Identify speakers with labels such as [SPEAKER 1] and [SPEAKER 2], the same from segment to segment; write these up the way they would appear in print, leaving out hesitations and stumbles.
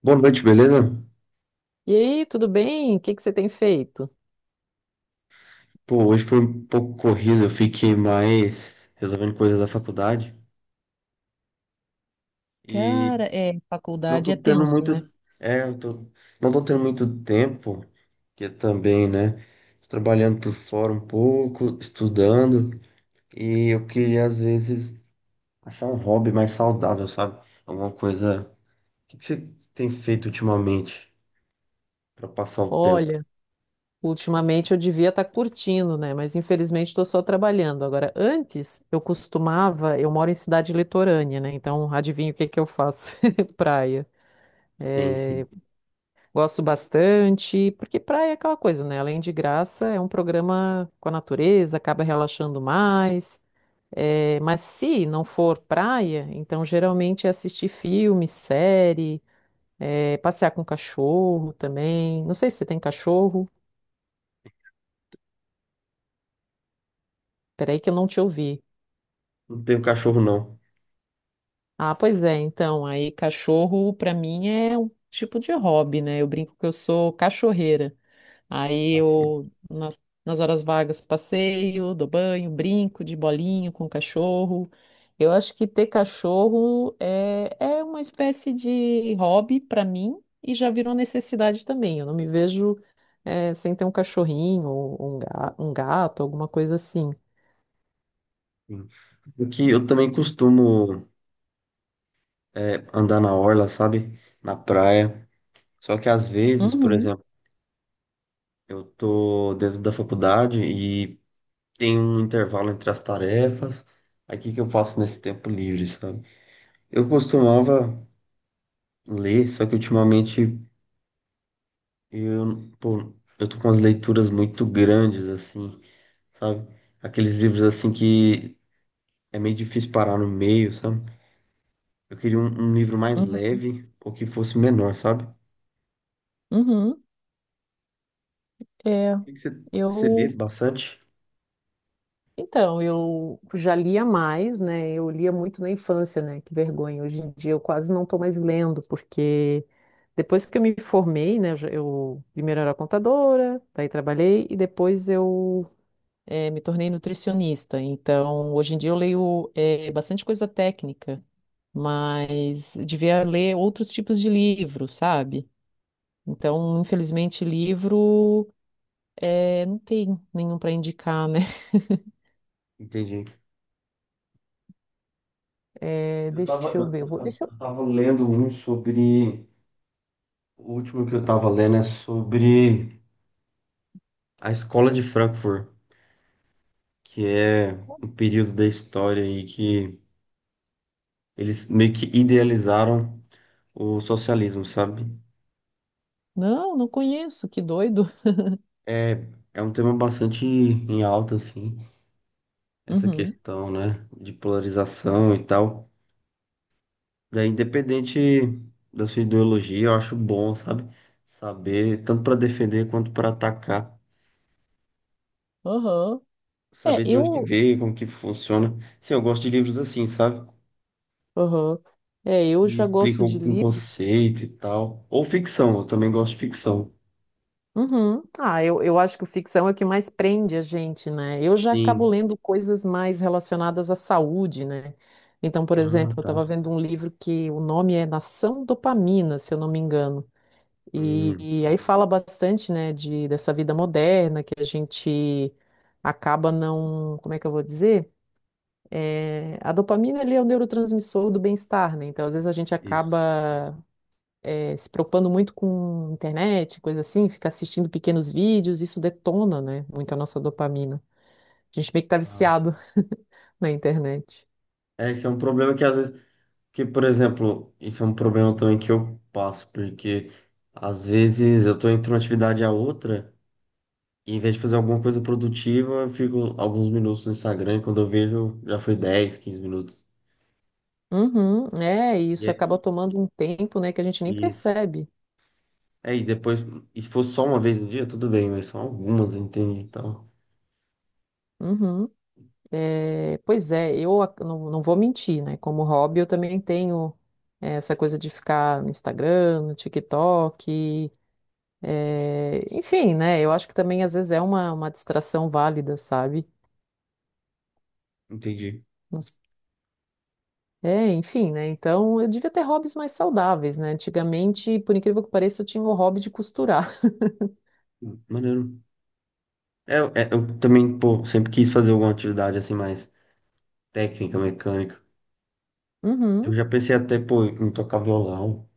[SPEAKER 1] Boa noite, beleza?
[SPEAKER 2] E aí, tudo bem? O que que você tem feito?
[SPEAKER 1] Pô, hoje foi um pouco corrido, eu fiquei mais resolvendo coisas da faculdade e
[SPEAKER 2] Cara, é,
[SPEAKER 1] não
[SPEAKER 2] faculdade
[SPEAKER 1] tô
[SPEAKER 2] é
[SPEAKER 1] tendo
[SPEAKER 2] tenso,
[SPEAKER 1] muito,
[SPEAKER 2] né?
[SPEAKER 1] é, eu tô, não tô tendo muito tempo, que é também, né? Tô trabalhando por fora um pouco, estudando e eu queria às vezes achar um hobby mais saudável, sabe? Alguma coisa. O que que você tem feito ultimamente pra passar o tempo?
[SPEAKER 2] Olha, ultimamente eu devia estar curtindo, né? Mas infelizmente estou só trabalhando. Agora, antes eu costumava, eu moro em cidade litorânea, né? Então, adivinha o que que eu faço? Praia.
[SPEAKER 1] Tem, sim.
[SPEAKER 2] Gosto bastante, porque praia é aquela coisa, né? Além de graça, é um programa com a natureza, acaba relaxando mais. É, mas se não for praia, então geralmente é assistir filme, série. É, passear com cachorro também. Não sei se você tem cachorro. Peraí que eu não te ouvi.
[SPEAKER 1] Não tenho cachorro não.
[SPEAKER 2] Ah, pois é. Então, aí cachorro pra mim é um tipo de hobby, né? Eu brinco que eu sou cachorreira. Aí
[SPEAKER 1] Assim,
[SPEAKER 2] eu, nas, nas horas vagas, passeio, dou banho, brinco de bolinho com o cachorro. Eu acho que ter cachorro é uma espécie de hobby para mim e já virou necessidade também. Eu não me vejo, sem ter um cachorrinho ou um, um gato, alguma coisa assim.
[SPEAKER 1] sim. O que eu também costumo é, andar na orla, sabe? Na praia. Só que às vezes, por
[SPEAKER 2] Uhum,
[SPEAKER 1] exemplo, eu tô dentro da faculdade e tem um intervalo entre as tarefas. Aí o que que eu faço nesse tempo livre, sabe? Eu costumava ler, só que ultimamente pô, eu tô com as leituras muito grandes, assim, sabe? Aqueles livros assim que é meio difícil parar no meio, sabe? Eu queria um livro mais
[SPEAKER 2] uhum,
[SPEAKER 1] leve ou que fosse menor, sabe?
[SPEAKER 2] uhum. É,
[SPEAKER 1] O que que você lê
[SPEAKER 2] eu.
[SPEAKER 1] bastante?
[SPEAKER 2] Então, eu já lia mais, né? Eu lia muito na infância, né? Que vergonha. Hoje em dia eu quase não estou mais lendo, porque depois que eu me formei, né? Eu primeiro era contadora, daí trabalhei e depois eu me tornei nutricionista. Então, hoje em dia eu leio bastante coisa técnica, mas devia ler outros tipos de livros, sabe? Então, infelizmente, livro não tem nenhum para indicar, né?
[SPEAKER 1] Entendi.
[SPEAKER 2] É,
[SPEAKER 1] Eu tava,
[SPEAKER 2] deixa eu
[SPEAKER 1] eu
[SPEAKER 2] ver.
[SPEAKER 1] tava
[SPEAKER 2] Deixa eu
[SPEAKER 1] eu tava lendo um sobre. O último que eu tava lendo é sobre a escola de Frankfurt, que é um período da história aí que eles meio que idealizaram o socialismo, sabe?
[SPEAKER 2] Não, não conheço, que doido.
[SPEAKER 1] É, é, um tema bastante em alta, assim, essa
[SPEAKER 2] Uhum,
[SPEAKER 1] questão, né, de polarização e tal. Daí, independente da sua ideologia, eu acho bom, sabe? Saber, tanto para defender quanto para atacar.
[SPEAKER 2] aham. É,
[SPEAKER 1] Saber de onde que
[SPEAKER 2] eu.
[SPEAKER 1] veio, como que funciona. Sim, eu gosto de livros assim, sabe?
[SPEAKER 2] Aham. É, eu
[SPEAKER 1] Que
[SPEAKER 2] já gosto
[SPEAKER 1] explicam
[SPEAKER 2] de
[SPEAKER 1] um
[SPEAKER 2] livros.
[SPEAKER 1] conceito e tal. Ou ficção, eu também gosto de ficção.
[SPEAKER 2] Uhum. Ah, eu acho que o ficção é o que mais prende a gente, né? Eu já acabo
[SPEAKER 1] Sim.
[SPEAKER 2] lendo coisas mais relacionadas à saúde, né? Então, por
[SPEAKER 1] Ah,
[SPEAKER 2] exemplo, eu
[SPEAKER 1] tá.
[SPEAKER 2] estava vendo um livro que o nome é Nação Dopamina, se eu não me engano.
[SPEAKER 1] Hum,
[SPEAKER 2] E aí fala bastante, né, de, dessa vida moderna que a gente acaba não. Como é que eu vou dizer? É, a dopamina ele é o neurotransmissor do bem-estar, né? Então, às vezes a gente
[SPEAKER 1] isso.
[SPEAKER 2] acaba se preocupando muito com internet, coisa assim, fica assistindo pequenos vídeos, isso detona, né? Muito a nossa dopamina. A gente meio que tá
[SPEAKER 1] Ah.
[SPEAKER 2] viciado na internet.
[SPEAKER 1] É, esse é um problema que às vezes, que, por exemplo, isso é um problema também que eu passo, porque às vezes eu tô entre uma atividade a outra, e em vez de fazer alguma coisa produtiva, eu fico alguns minutos no Instagram, e quando eu vejo, já foi 10 15 minutos.
[SPEAKER 2] Uhum, é, e
[SPEAKER 1] E
[SPEAKER 2] isso acaba
[SPEAKER 1] é
[SPEAKER 2] tomando um tempo, né, que a gente nem
[SPEAKER 1] isso.
[SPEAKER 2] percebe.
[SPEAKER 1] É, e depois, e se fosse só uma vez no dia, tudo bem, mas são algumas, entende? Então,
[SPEAKER 2] Uhum. É, pois é, não, não vou mentir, né? Como hobby, eu também tenho essa coisa de ficar no Instagram, no TikTok. É, enfim, né? Eu acho que também às vezes é uma distração válida, sabe?
[SPEAKER 1] entendi.
[SPEAKER 2] Não s- É, enfim, né? Então eu devia ter hobbies mais saudáveis, né? Antigamente, por incrível que pareça, eu tinha o hobby de costurar.
[SPEAKER 1] Maneiro. Eu também, pô, sempre quis fazer alguma atividade assim mais técnica, mecânica. Eu
[SPEAKER 2] Uhum.
[SPEAKER 1] já pensei até, pô, em tocar violão.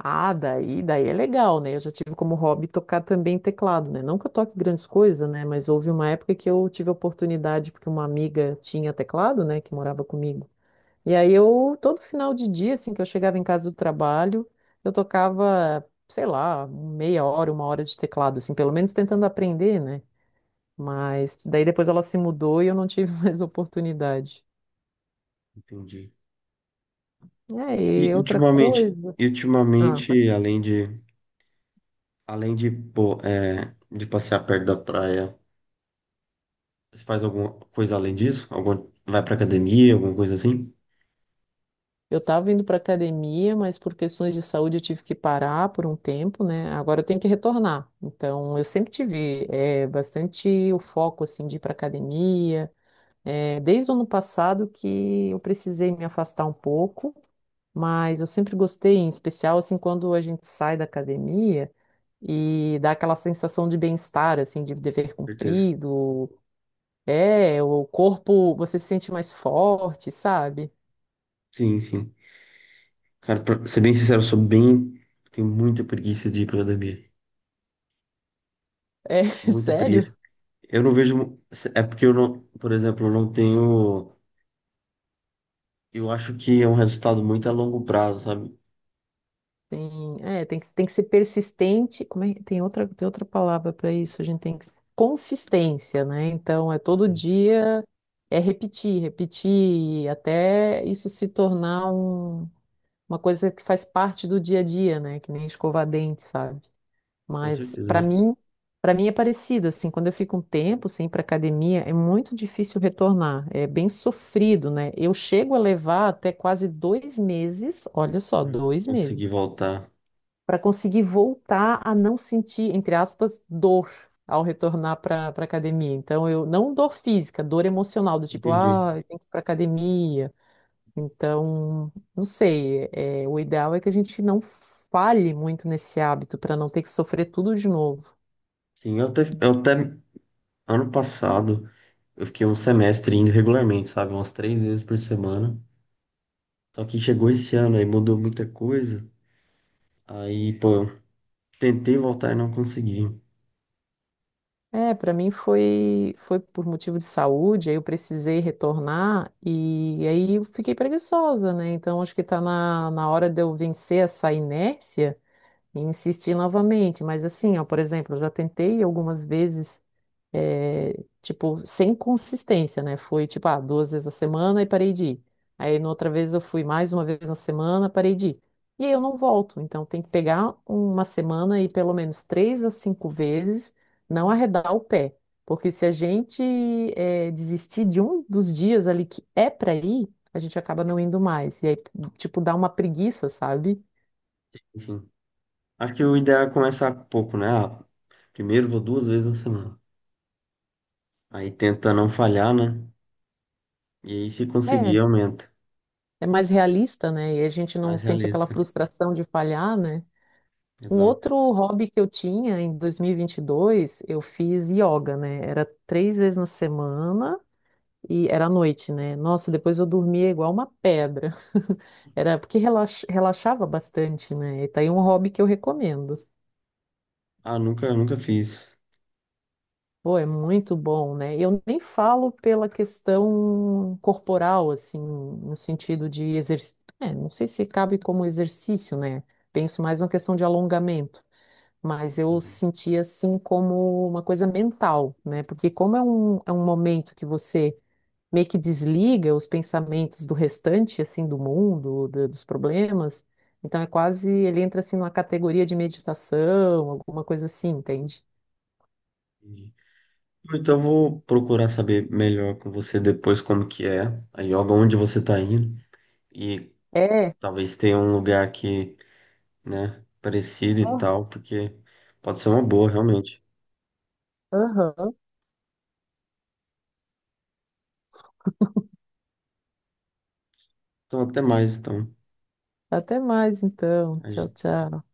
[SPEAKER 2] Ah, daí é legal, né? Eu já tive como hobby tocar também teclado, né? Não que eu toque grandes coisas, né? Mas houve uma época que eu tive a oportunidade, porque uma amiga tinha teclado, né? Que morava comigo. E aí eu, todo final de dia, assim, que eu chegava em casa do trabalho, eu tocava, sei lá, meia hora, uma hora de teclado, assim, pelo menos tentando aprender, né? Mas daí depois ela se mudou e eu não tive mais oportunidade.
[SPEAKER 1] Entendi.
[SPEAKER 2] É,
[SPEAKER 1] E
[SPEAKER 2] E outra
[SPEAKER 1] ultimamente,
[SPEAKER 2] coisa.
[SPEAKER 1] e
[SPEAKER 2] Ah,
[SPEAKER 1] ultimamente, pô, de passear perto da praia, você faz alguma coisa além disso? Alguma, vai pra academia, alguma coisa assim?
[SPEAKER 2] eu tava indo para academia, mas por questões de saúde eu tive que parar por um tempo, né? Agora eu tenho que retornar. Então, eu sempre tive bastante o foco, assim, de ir para academia. É, desde o ano passado que eu precisei me afastar um pouco, mas eu sempre gostei, em especial assim quando a gente sai da academia e dá aquela sensação de bem-estar, assim, de dever
[SPEAKER 1] Certeza.
[SPEAKER 2] cumprido. É, o corpo, você se sente mais forte, sabe?
[SPEAKER 1] Sim, sim. Cara, pra ser bem sincero, eu sou bem. Tenho muita preguiça de ir pra academia.
[SPEAKER 2] É
[SPEAKER 1] Muita preguiça.
[SPEAKER 2] sério.
[SPEAKER 1] Eu não vejo. É porque eu não. Por exemplo, eu não tenho. Eu acho que é um resultado muito a longo prazo, sabe?
[SPEAKER 2] Tem, é, tem que ser persistente. Como é, tem outra palavra para isso. A gente tem que, consistência, né? Então, é todo
[SPEAKER 1] Isso.
[SPEAKER 2] dia, é repetir, repetir, até isso se tornar uma coisa que faz parte do dia a dia, né? Que nem escovar dente, sabe?
[SPEAKER 1] Com
[SPEAKER 2] Mas
[SPEAKER 1] certeza.
[SPEAKER 2] para mim é parecido, assim, quando eu fico um tempo sem ir para academia, é muito difícil retornar, é bem sofrido, né? Eu chego a levar até quase 2 meses, olha só,
[SPEAKER 1] Pra
[SPEAKER 2] dois
[SPEAKER 1] conseguir
[SPEAKER 2] meses
[SPEAKER 1] voltar.
[SPEAKER 2] para conseguir voltar a não sentir, entre aspas, dor ao retornar para academia. Então, eu não dor física, dor emocional, do tipo,
[SPEAKER 1] Entendi.
[SPEAKER 2] ah, eu tenho que ir para academia. Então, não sei, é, o ideal é que a gente não falhe muito nesse hábito para não ter que sofrer tudo de novo.
[SPEAKER 1] Sim, eu até, eu até. ano passado, eu fiquei um semestre indo regularmente, sabe? Umas três vezes por semana. Só que chegou esse ano, aí mudou muita coisa. Aí, pô, eu tentei voltar e não consegui.
[SPEAKER 2] É, para mim foi por motivo de saúde, aí eu precisei retornar e aí eu fiquei preguiçosa, né? Então acho que tá na hora de eu vencer essa inércia e insistir novamente. Mas assim, ó, por exemplo, eu já tentei algumas vezes, eh, tipo, sem consistência, né? Foi tipo, ah, duas vezes a semana e parei de ir. Aí, na outra vez, eu fui mais uma vez na semana, parei de ir. E aí eu não volto. Então, tem que pegar uma semana e pelo menos 3 a 5 vezes não arredar o pé. Porque se a gente desistir de um dos dias ali que é para ir, a gente acaba não indo mais. E aí, tipo, dá uma preguiça, sabe?
[SPEAKER 1] Enfim. Acho que o ideal é começar pouco, né? Ah, primeiro vou duas vezes na semana. Aí tenta não falhar, né? E aí se conseguir,
[SPEAKER 2] É.
[SPEAKER 1] aumenta.
[SPEAKER 2] é mais realista, né? E a gente não
[SPEAKER 1] Mais
[SPEAKER 2] sente aquela
[SPEAKER 1] realista.
[SPEAKER 2] frustração de falhar, né? Um outro
[SPEAKER 1] Exato.
[SPEAKER 2] hobby que eu tinha em 2022, eu fiz yoga, né? Era 3 vezes na semana e era à noite, né? Nossa, depois eu dormia igual uma pedra. Era porque relaxava bastante, né? E tá aí um hobby que eu recomendo.
[SPEAKER 1] Ah, nunca, nunca fiz.
[SPEAKER 2] Pô, é muito bom, né? Eu nem falo pela questão corporal, assim, no sentido de exercício. É, não sei se cabe como exercício, né? Penso mais na questão de alongamento, mas eu
[SPEAKER 1] Entendi,
[SPEAKER 2] senti assim como uma coisa mental, né? Porque como é é um momento que você meio que desliga os pensamentos do restante, assim, do mundo, dos problemas, então é quase, ele entra assim numa categoria de meditação, alguma coisa assim, entende?
[SPEAKER 1] entendi. Então vou procurar saber melhor com você depois como que é a yoga, onde você tá indo. E
[SPEAKER 2] É.
[SPEAKER 1] talvez tenha um lugar que, né, parecido e
[SPEAKER 2] Ah,
[SPEAKER 1] tal, porque pode ser uma boa, realmente.
[SPEAKER 2] Aham.
[SPEAKER 1] Então até mais, então.
[SPEAKER 2] Até mais, então.
[SPEAKER 1] A
[SPEAKER 2] Tchau,
[SPEAKER 1] gente
[SPEAKER 2] tchau.